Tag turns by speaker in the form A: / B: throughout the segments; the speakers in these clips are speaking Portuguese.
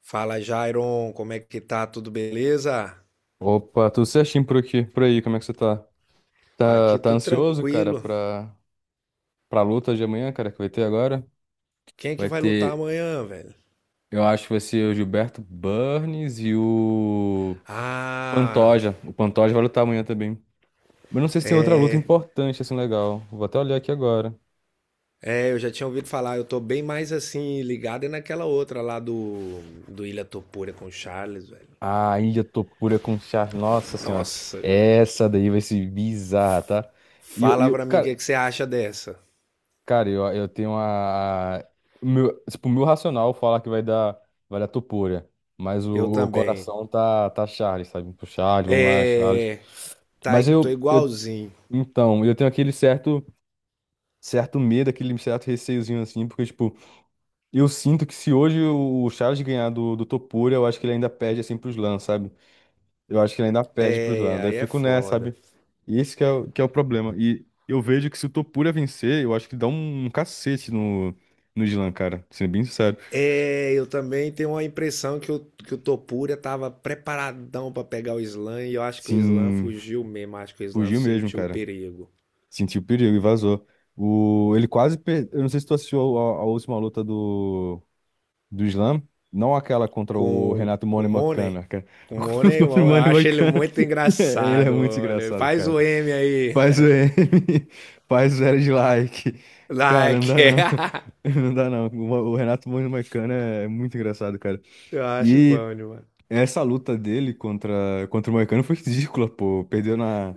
A: Fala, Jairon, como é que tá? Tudo beleza?
B: Opa, tudo certinho por aqui, por aí, como é que você tá? Tá,
A: Aqui
B: tá
A: tudo
B: ansioso, cara,
A: tranquilo.
B: pra luta de amanhã, cara, que vai ter agora?
A: Quem é que
B: Vai
A: vai lutar
B: ter,
A: amanhã, velho?
B: eu acho que vai ser o Gilberto Burns e o
A: Ah,
B: Pantoja. O Pantoja vai lutar amanhã também. Mas não sei se tem outra luta importante, assim, legal. Vou até olhar aqui agora.
A: eu já tinha ouvido falar, eu tô bem mais assim, ligado é naquela outra lá do Ilha Topura com o Charles, velho.
B: Ah, Ilha Topura com Charles, nossa senhora.
A: Nossa,
B: Essa daí vai ser bizarra, tá? E eu, e
A: fala
B: eu-
A: pra mim
B: cara,
A: é que você acha dessa.
B: Cara, eu tenho a. o Meu, tipo, o meu racional fala que vai dar Topolya, mas
A: Eu
B: o
A: também.
B: coração tá Charles, sabe? Pro Charles, vamos lá, Charles.
A: É,
B: Mas
A: Tô
B: eu, eu.
A: igualzinho.
B: Então, eu tenho aquele certo, certo medo, aquele certo receiozinho assim, porque, tipo, eu sinto que se hoje o Charles ganhar do Topolya, eu acho que ele ainda perde assim pros Lan, sabe? Eu acho que ele ainda perde pro
A: É,
B: Islândia. Eu
A: aí é
B: fico nessa,
A: foda.
B: sabe? Esse que é, que é o problema. E eu vejo que se o Topura vencer, eu acho que dá um cacete no, no Islan, cara. Sendo bem sincero.
A: É, eu também tenho uma impressão que o Topuria estava preparadão para pegar o Islam e eu acho que o Islam
B: Sim,
A: fugiu mesmo, acho que o Islam
B: fugiu mesmo,
A: sentiu o
B: cara.
A: perigo.
B: Sentiu o perigo e vazou. O, ele quase perdeu. Eu não sei se tu assistiu a última luta do Islam? Não aquela contra o
A: Com,
B: Renato
A: com o
B: Money
A: Money,
B: Makana, cara.
A: com o Money, eu
B: Contra o
A: eu
B: Money
A: acho ele
B: Makana.
A: muito
B: Ele é
A: engraçado,
B: muito
A: Money.
B: engraçado,
A: Faz
B: cara.
A: o M aí,
B: Faz o M, faz o zero de like. Cara, não
A: like.
B: dá não. Não dá não. O Renato Moura e o Moicano é muito engraçado, cara.
A: Eu acho
B: E
A: bom demais.
B: essa luta dele contra o Moicano foi ridícula, pô.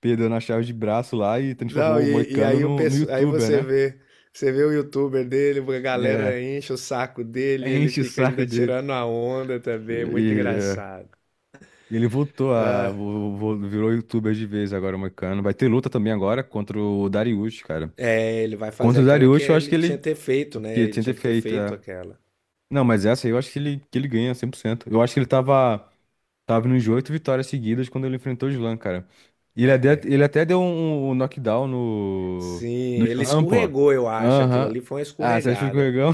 B: Perdeu na chave de braço lá e
A: Não,
B: transformou o
A: e
B: Moicano
A: aí, o,
B: no, no
A: pesso- aí
B: YouTuber,
A: você
B: né?
A: vê, Você vê o youtuber dele, a
B: É,
A: galera enche o saco dele, e ele
B: enche o
A: fica
B: saco
A: ainda
B: dele.
A: tirando a onda
B: E,
A: também, muito
B: é,
A: engraçado.
B: ele voltou a.
A: Ah,
B: Virou YouTuber de vez agora, o Moicano. Vai ter luta também agora contra o Darius, cara.
A: É, ele vai fazer
B: Contra o
A: aquela que
B: Darius, eu acho
A: ele
B: que
A: tinha
B: ele.
A: que ter feito, né?
B: Que ele
A: Ele
B: tinha que
A: tinha
B: ter
A: que ter
B: feito.
A: feito
B: É.
A: aquela.
B: Não, mas essa aí eu acho que ele ganha 100%. Eu acho que tava nos oito vitórias seguidas quando ele enfrentou o Slam, cara. Ele até deu um, um knockdown no,
A: Sim,
B: no
A: ele
B: Slam, pô.
A: escorregou, eu acho. Aquilo
B: Aham.
A: ali foi uma
B: Ah, você acha que foi
A: escorregada.
B: escorregão?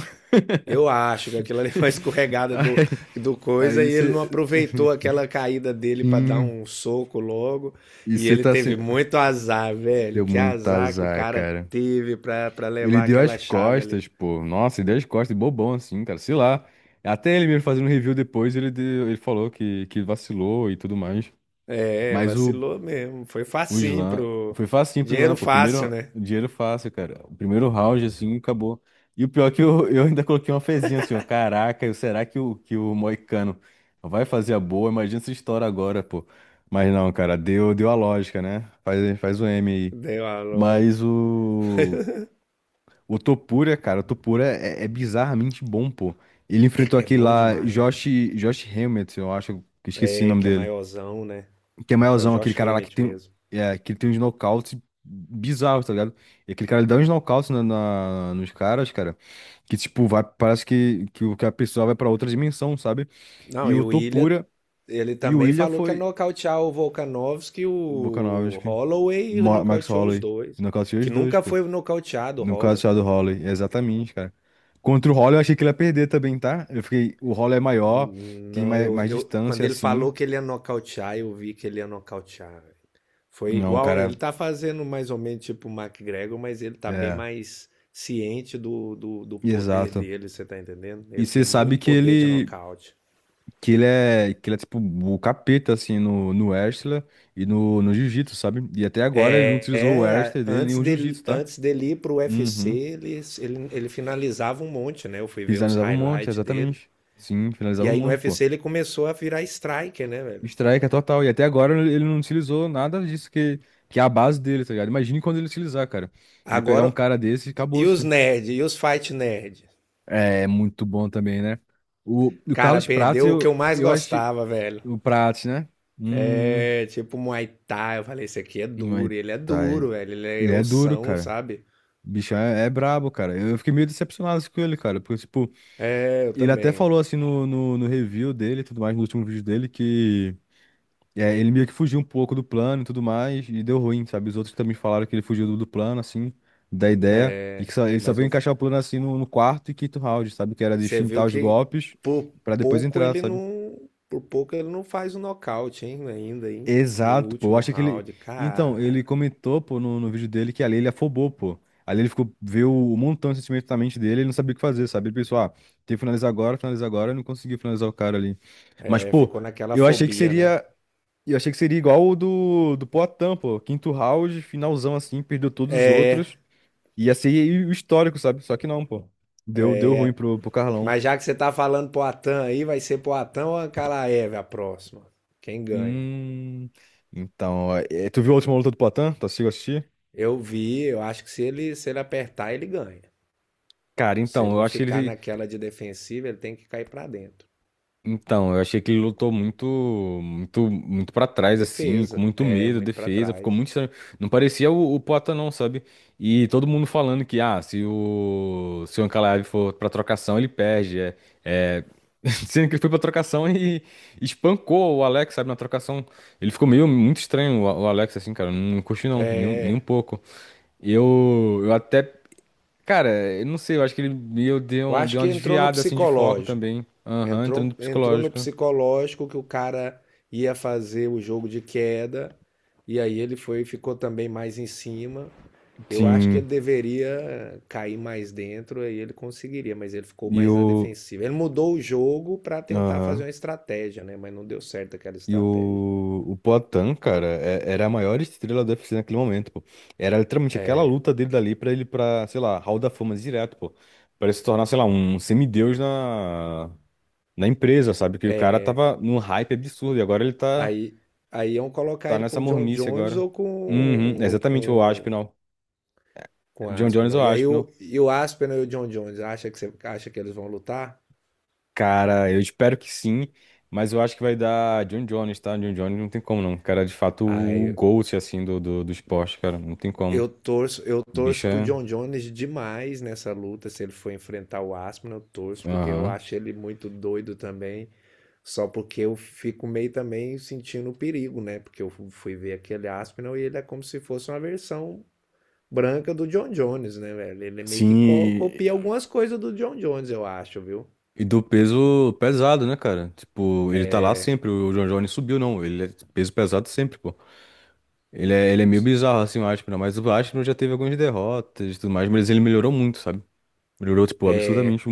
A: Eu acho que aquilo ali foi uma escorregada do,
B: Aí
A: do coisa
B: aí
A: e ele
B: você.
A: não aproveitou aquela caída dele pra dar
B: Sim.
A: um soco logo.
B: E
A: E
B: você
A: ele
B: tá assim.
A: teve muito azar, velho.
B: Deu
A: Que
B: muito
A: azar que o
B: azar,
A: cara
B: cara.
A: teve pra
B: Ele
A: levar
B: deu
A: aquela
B: as
A: chave ali.
B: costas, pô. Nossa, ele deu as costas, bobão assim, cara. Sei lá. Até ele mesmo fazendo review depois, ele, ele falou que vacilou e tudo mais.
A: É,
B: Mas o,
A: vacilou mesmo. Foi
B: o
A: facinho
B: Slam.
A: pro.
B: Foi facinho pro Slam,
A: Dinheiro
B: pô.
A: fácil,
B: Primeiro
A: né?
B: dinheiro fácil, cara. O primeiro round, assim, acabou. E o pior é que eu ainda coloquei uma fezinha assim, ó. Caraca, será que que o Moicano vai fazer a boa? Imagina essa história agora, pô. Mas não, cara, deu a lógica, né? Faz o M aí.
A: Deu a loja.
B: Mas o. O Topura, cara, o Topura é bizarramente bom, pô. Ele
A: É,
B: enfrentou
A: é
B: aquele
A: bom
B: lá,
A: demais, né?
B: Josh, Josh Hammett, eu acho, que esqueci o
A: É,
B: nome
A: que é
B: dele.
A: maiorzão, né?
B: Que é
A: É o
B: maiorzão, aquele
A: Josh
B: cara lá que
A: Hammett
B: tem,
A: mesmo.
B: é, que ele tem uns nocautes bizarros, tá ligado? E aquele cara, ele dá uns nocautes na, nos caras, cara, que, tipo, vai, parece que, que a pessoa vai pra outra dimensão, sabe?
A: Não,
B: E
A: e
B: o
A: o Ilha,
B: Topura
A: Ele
B: e o
A: também
B: Ilha
A: falou que ia
B: foi
A: nocautear o Volkanovski,
B: o
A: o
B: Volkanovski,
A: Holloway e
B: Max
A: nocauteou os
B: Holloway,
A: dois.
B: nocauteou
A: Que
B: os dois,
A: nunca
B: pô.
A: foi nocauteado o
B: No caso
A: Holloway.
B: só do Shadow Holloway, exatamente, cara. Contra o Holloway eu achei que ele ia perder também, tá? Eu fiquei, o Holloway é maior, tem
A: Não,
B: mais
A: eu, Quando
B: distância
A: ele
B: assim.
A: falou que ele ia nocautear, eu vi que ele ia nocautear. Foi
B: Não,
A: igual, ele
B: cara,
A: tá fazendo mais ou menos tipo o McGregor, mas ele tá bem
B: é,
A: mais ciente do poder
B: exato.
A: dele, você tá entendendo?
B: E
A: Ele
B: você
A: tem
B: sabe
A: muito poder de nocaute.
B: que ele é tipo o capeta assim no wrestler e no, no jiu-jitsu, sabe? E até agora ele não utilizou o wrestler dele nem o jiu-jitsu, tá?
A: Antes dele ir pro UFC,
B: Uhum.
A: ele finalizava um monte, né? Eu fui ver os
B: Finalizava um monte,
A: highlights dele.
B: exatamente. Sim,
A: E
B: finalizava um
A: aí no U
B: monte,
A: F
B: pô.
A: C ele começou a virar striker, né, velho?
B: Strike é total. E até agora ele não utilizou nada disso que é a base dele, tá ligado? Imagine quando ele utilizar, cara. Ele pegar um
A: Agora,
B: cara desse e
A: e os
B: acabou-se.
A: nerd, e os fight nerd?
B: É muito bom também, né? O
A: Cara,
B: Carlos Prates,
A: perdeu o que eu mais
B: eu acho.
A: gostava, velho.
B: O Prates, né? Hum.
A: É, tipo Muay Thai, eu falei, esse aqui é
B: Muay
A: duro, e ele é
B: Thai.
A: duro, velho, ele é
B: Ele é duro,
A: ossão,
B: cara.
A: sabe?
B: O bichão é brabo, cara. Eu fiquei meio decepcionado com ele, cara. Porque, tipo,
A: É, eu
B: ele até
A: também.
B: falou assim no, no review dele e tudo mais, no último vídeo dele, que. É, ele meio que fugiu um pouco do plano e tudo mais, e deu ruim, sabe? Os outros também falaram que ele fugiu do plano, assim, da ideia, e que só, ele só
A: Mas
B: veio
A: não,
B: encaixar o plano assim no, no quarto e quinto round, sabe? Que era de
A: Você viu
B: fintar os
A: que
B: golpes
A: por
B: pra depois entrar, sabe?
A: por pouco ele não faz o nocaute, hein, ainda, hein? No
B: Exato, pô. Eu
A: último
B: acho que ele.
A: round,
B: Então,
A: cara.
B: ele comentou, pô, no, no vídeo dele que ali ele afobou, pô. Ali ele ficou, viu um montão de sentimento na mente dele, ele não sabia o que fazer, sabe? Ele pensou, ah, tem que finalizar agora, e não conseguiu finalizar o cara ali. Mas,
A: É,
B: pô,
A: ficou naquela
B: eu achei que
A: fobia, né?
B: seria. E eu achei que seria igual o do, do Poatan, pô. Quinto round, finalzão assim, perdeu todos os
A: É,
B: outros. Ia ser o histórico, sabe? Só que não, pô. Deu ruim pro, pro Carlão.
A: mas já que você tá falando pro Atan aí, vai ser pro Atan ou Ankalaev a próxima? Quem ganha?
B: Hum. Então, é, tu viu a última luta do Poatan? Tu assistiu assistir?
A: Eu vi, eu acho que se ele apertar, ele ganha.
B: Cara,
A: Se
B: então,
A: ele
B: eu
A: não
B: acho que
A: ficar
B: ele.
A: naquela de defensiva, ele tem que cair pra dentro.
B: Então, eu achei que ele lutou muito para trás, assim, com
A: Defesa,
B: muito
A: é
B: medo,
A: muito pra
B: defesa, ficou
A: trás.
B: muito estranho. Não parecia o Poata, não, sabe? E todo mundo falando que, ah, se se o Ankalaev for pra trocação, ele perde. É, é... Sendo que ele foi pra trocação e espancou o Alex, sabe, na trocação. Ele ficou meio muito estranho, o Alex, assim, cara, não curti não, nem, nem um pouco. Eu, eu até, cara, eu não sei, eu acho que ele meio deu,
A: Eu acho
B: deu uma
A: que entrou no
B: desviada, assim, de foco
A: psicológico.
B: também. Aham, entrando no
A: Entrou no
B: psicológico.
A: psicológico que o cara ia fazer o jogo de queda, e aí ele foi ficou também mais em cima. Eu acho que ele
B: Sim,
A: deveria cair mais dentro, aí ele conseguiria, mas ele ficou
B: e
A: mais na
B: o.
A: defensiva. Ele mudou o jogo para tentar fazer
B: Aham.
A: uma estratégia, né? Mas não deu certo aquela
B: E
A: estratégia.
B: o Poatan, cara, era a maior estrela do UFC naquele momento, pô. Era literalmente aquela luta dele dali pra ele pra, sei lá, Hall da Fama direto, pô. Pra ele se tornar, sei lá, um semideus na, na empresa, sabe? Que o cara tava num hype absurdo e agora
A: Aí, aí iam colocar
B: tá
A: ele com
B: nessa
A: o John
B: mormice
A: Jones
B: agora. Uhum, exatamente o Aspinall.
A: com o
B: John Jones ou
A: Aspinall. E aí
B: Aspinall.
A: e o Aspinall e o John Jones acha que, você, acha que eles vão lutar?
B: Cara, eu espero que sim, mas eu acho que vai dar John Jones, tá? John Jones não tem como não. Cara, é de fato, o
A: Aí
B: GOAT, assim, do, do, do esporte, cara, não tem como.
A: Eu
B: O bicho
A: torço pro
B: é...
A: John Jones demais nessa luta. Se ele for enfrentar o Aspinall, eu torço, porque eu
B: Aham.
A: acho ele muito doido também. Só porque eu fico meio também sentindo o perigo, né? Porque eu fui ver aquele Aspinall e ele é como se fosse uma versão branca do John Jones, né, velho? Ele meio que
B: Sim,
A: copia algumas coisas do John Jones, eu acho, viu?
B: e do peso pesado, né, cara? Tipo, ele tá lá sempre, o John Jones subiu, não. Ele é peso pesado sempre, pô. Ele é meio bizarro, assim, o Aspinall, mas o Aspinall já teve algumas derrotas e tudo mais, mas ele melhorou muito, sabe? Melhorou, tipo,
A: É,
B: absurdamente.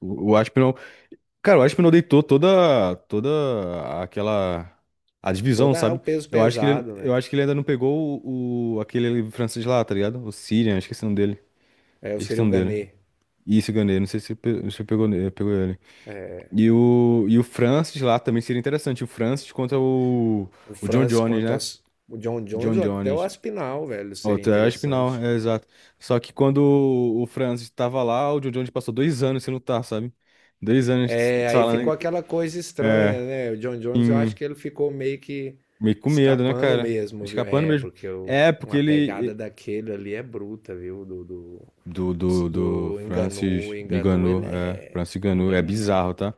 B: O Aspinall. Cara, o Ashman deitou toda aquela a divisão,
A: toda
B: sabe?
A: o peso pesado, né?
B: Eu acho que ele ainda não pegou aquele francês lá, tá ligado? O Sirian, esqueci o nome dele.
A: É, eu
B: Esqueci o
A: seria o
B: nome dele.
A: Gané.
B: E esse Gandhi, não sei se, se pegou, pegou ele. E o Francis lá também seria interessante. O Francis contra
A: O
B: o John
A: Francis
B: Jones,
A: quanto
B: né?
A: as, O John Jones
B: John
A: ou até o
B: Jones.
A: Aspinall, velho, seria
B: Outra é Aspinal,
A: interessante.
B: é exato. Só que quando o Francis tava lá, o John Jones passou 2 anos sem lutar, sabe? 2 anos
A: É, aí
B: falando.
A: ficou aquela coisa
B: É.
A: estranha, né? O John Jones, eu
B: Sim.
A: acho que ele ficou meio que
B: Meio com medo, né,
A: escapando
B: cara?
A: mesmo, viu?
B: Escapando
A: É,
B: mesmo.
A: porque o-
B: É, porque
A: uma pegada
B: ele.
A: daquele ali é bruta, viu? Do, do,
B: Do, do, do
A: do Enganu.
B: Francis
A: Enganu,
B: Ngannou, é. Francis Ngannou,
A: Ele é.
B: é
A: mu-
B: bizarro, tá?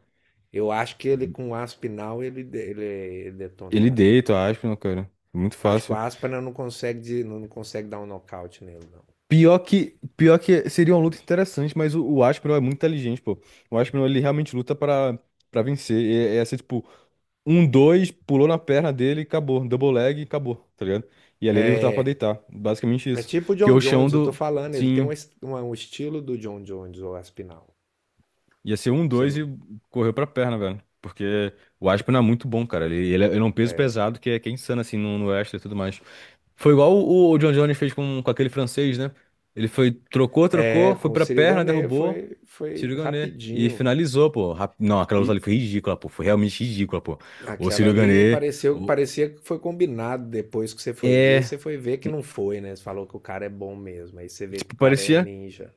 A: Eu acho que ele com o Aspinal, ele detona o
B: Ele
A: Aspinal.
B: deita o Aspinall, cara. Muito
A: Acho que o
B: fácil.
A: Aspinal não consegue dar um nocaute nele, não.
B: Pior que seria uma luta interessante, mas o Aspinall é muito inteligente, pô. O Aspinall, ele realmente luta pra, pra vencer. E, é assim, tipo, um, dois, pulou na perna dele e acabou. Double leg e acabou, tá ligado? E ali ele lutava pra deitar. Basicamente
A: É
B: isso.
A: tipo o
B: Porque
A: John
B: o chão
A: Jones, eu tô
B: do.
A: falando, ele tem
B: Sim.
A: um estilo do John Jones, o Aspinal.
B: Ia ser um,
A: Você
B: dois e
A: não-
B: correu pra perna, velho. Porque o Aspen é muito bom, cara. Ele é um peso pesado que é insano, assim, no, no wrestling e tudo mais. Foi igual o John Jones fez com aquele francês, né? Ele foi,
A: É,
B: trocou, foi
A: com o
B: pra
A: Ciro
B: perna,
A: Ganê
B: derrubou,
A: foi, foi
B: Sirigané. E
A: rapidinho.
B: finalizou, pô. Não, aquela luta
A: E
B: ali foi ridícula, pô. Foi realmente ridícula, pô. O Sirigané. O...
A: parecia que foi combinado depois que você foi ver.
B: É.
A: Você foi ver que não foi, né? Você falou que o cara é bom mesmo. Aí você vê que o
B: Tipo,
A: cara é
B: parecia.
A: ninja.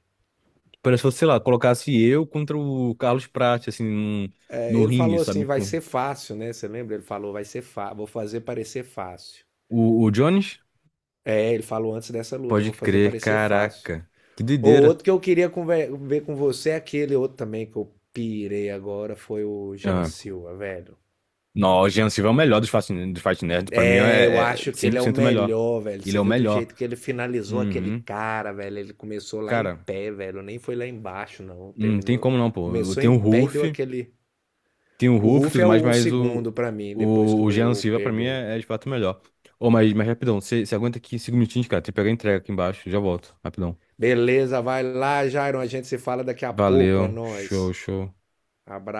B: Parecia, sei lá, colocasse eu contra o Carlos Prates, assim,
A: É,
B: no,
A: ele
B: ringue,
A: falou assim:
B: sabe?
A: vai
B: Tipo,
A: ser fácil, né? Você lembra? Ele falou: vai ser fácil, vou fazer parecer fácil.
B: O, o Jones.
A: É, ele falou antes dessa luta:
B: Pode
A: vou fazer
B: crer,
A: parecer fácil.
B: caraca. Que
A: Ou
B: doideira.
A: outro que eu queria ver com você, é aquele outro também que eu pirei agora, foi o Jean
B: Ah.
A: Silva, velho.
B: Não, o Jean Silva é o melhor dos Fast Nerds. Pra mim
A: É, eu
B: é, é
A: acho que ele é o
B: 100% o melhor.
A: melhor, velho.
B: Ele
A: Você
B: é o
A: viu do
B: melhor.
A: jeito que ele finalizou aquele
B: Uhum.
A: cara, velho? Ele começou lá em
B: Cara,
A: pé, velho. Nem foi lá embaixo, não.
B: não tem
A: Terminou,
B: como não, pô. Eu
A: começou em pé e deu aquele.
B: Tenho o
A: O
B: Ruff e
A: Ruff
B: tudo
A: é
B: mais,
A: o
B: mas
A: segundo pra mim, depois que
B: o Jean
A: o
B: Silva pra mim
A: perdeu.
B: é, é de fato o melhor. Ô, mas rapidão, você aguenta aqui cinco minutinhos, cara. Tem que pegar a entrega aqui embaixo. Já volto, rapidão.
A: Beleza, vai lá, Jairon. A gente se fala daqui a pouco. É
B: Valeu, show,
A: nóis.
B: show.
A: Abraço.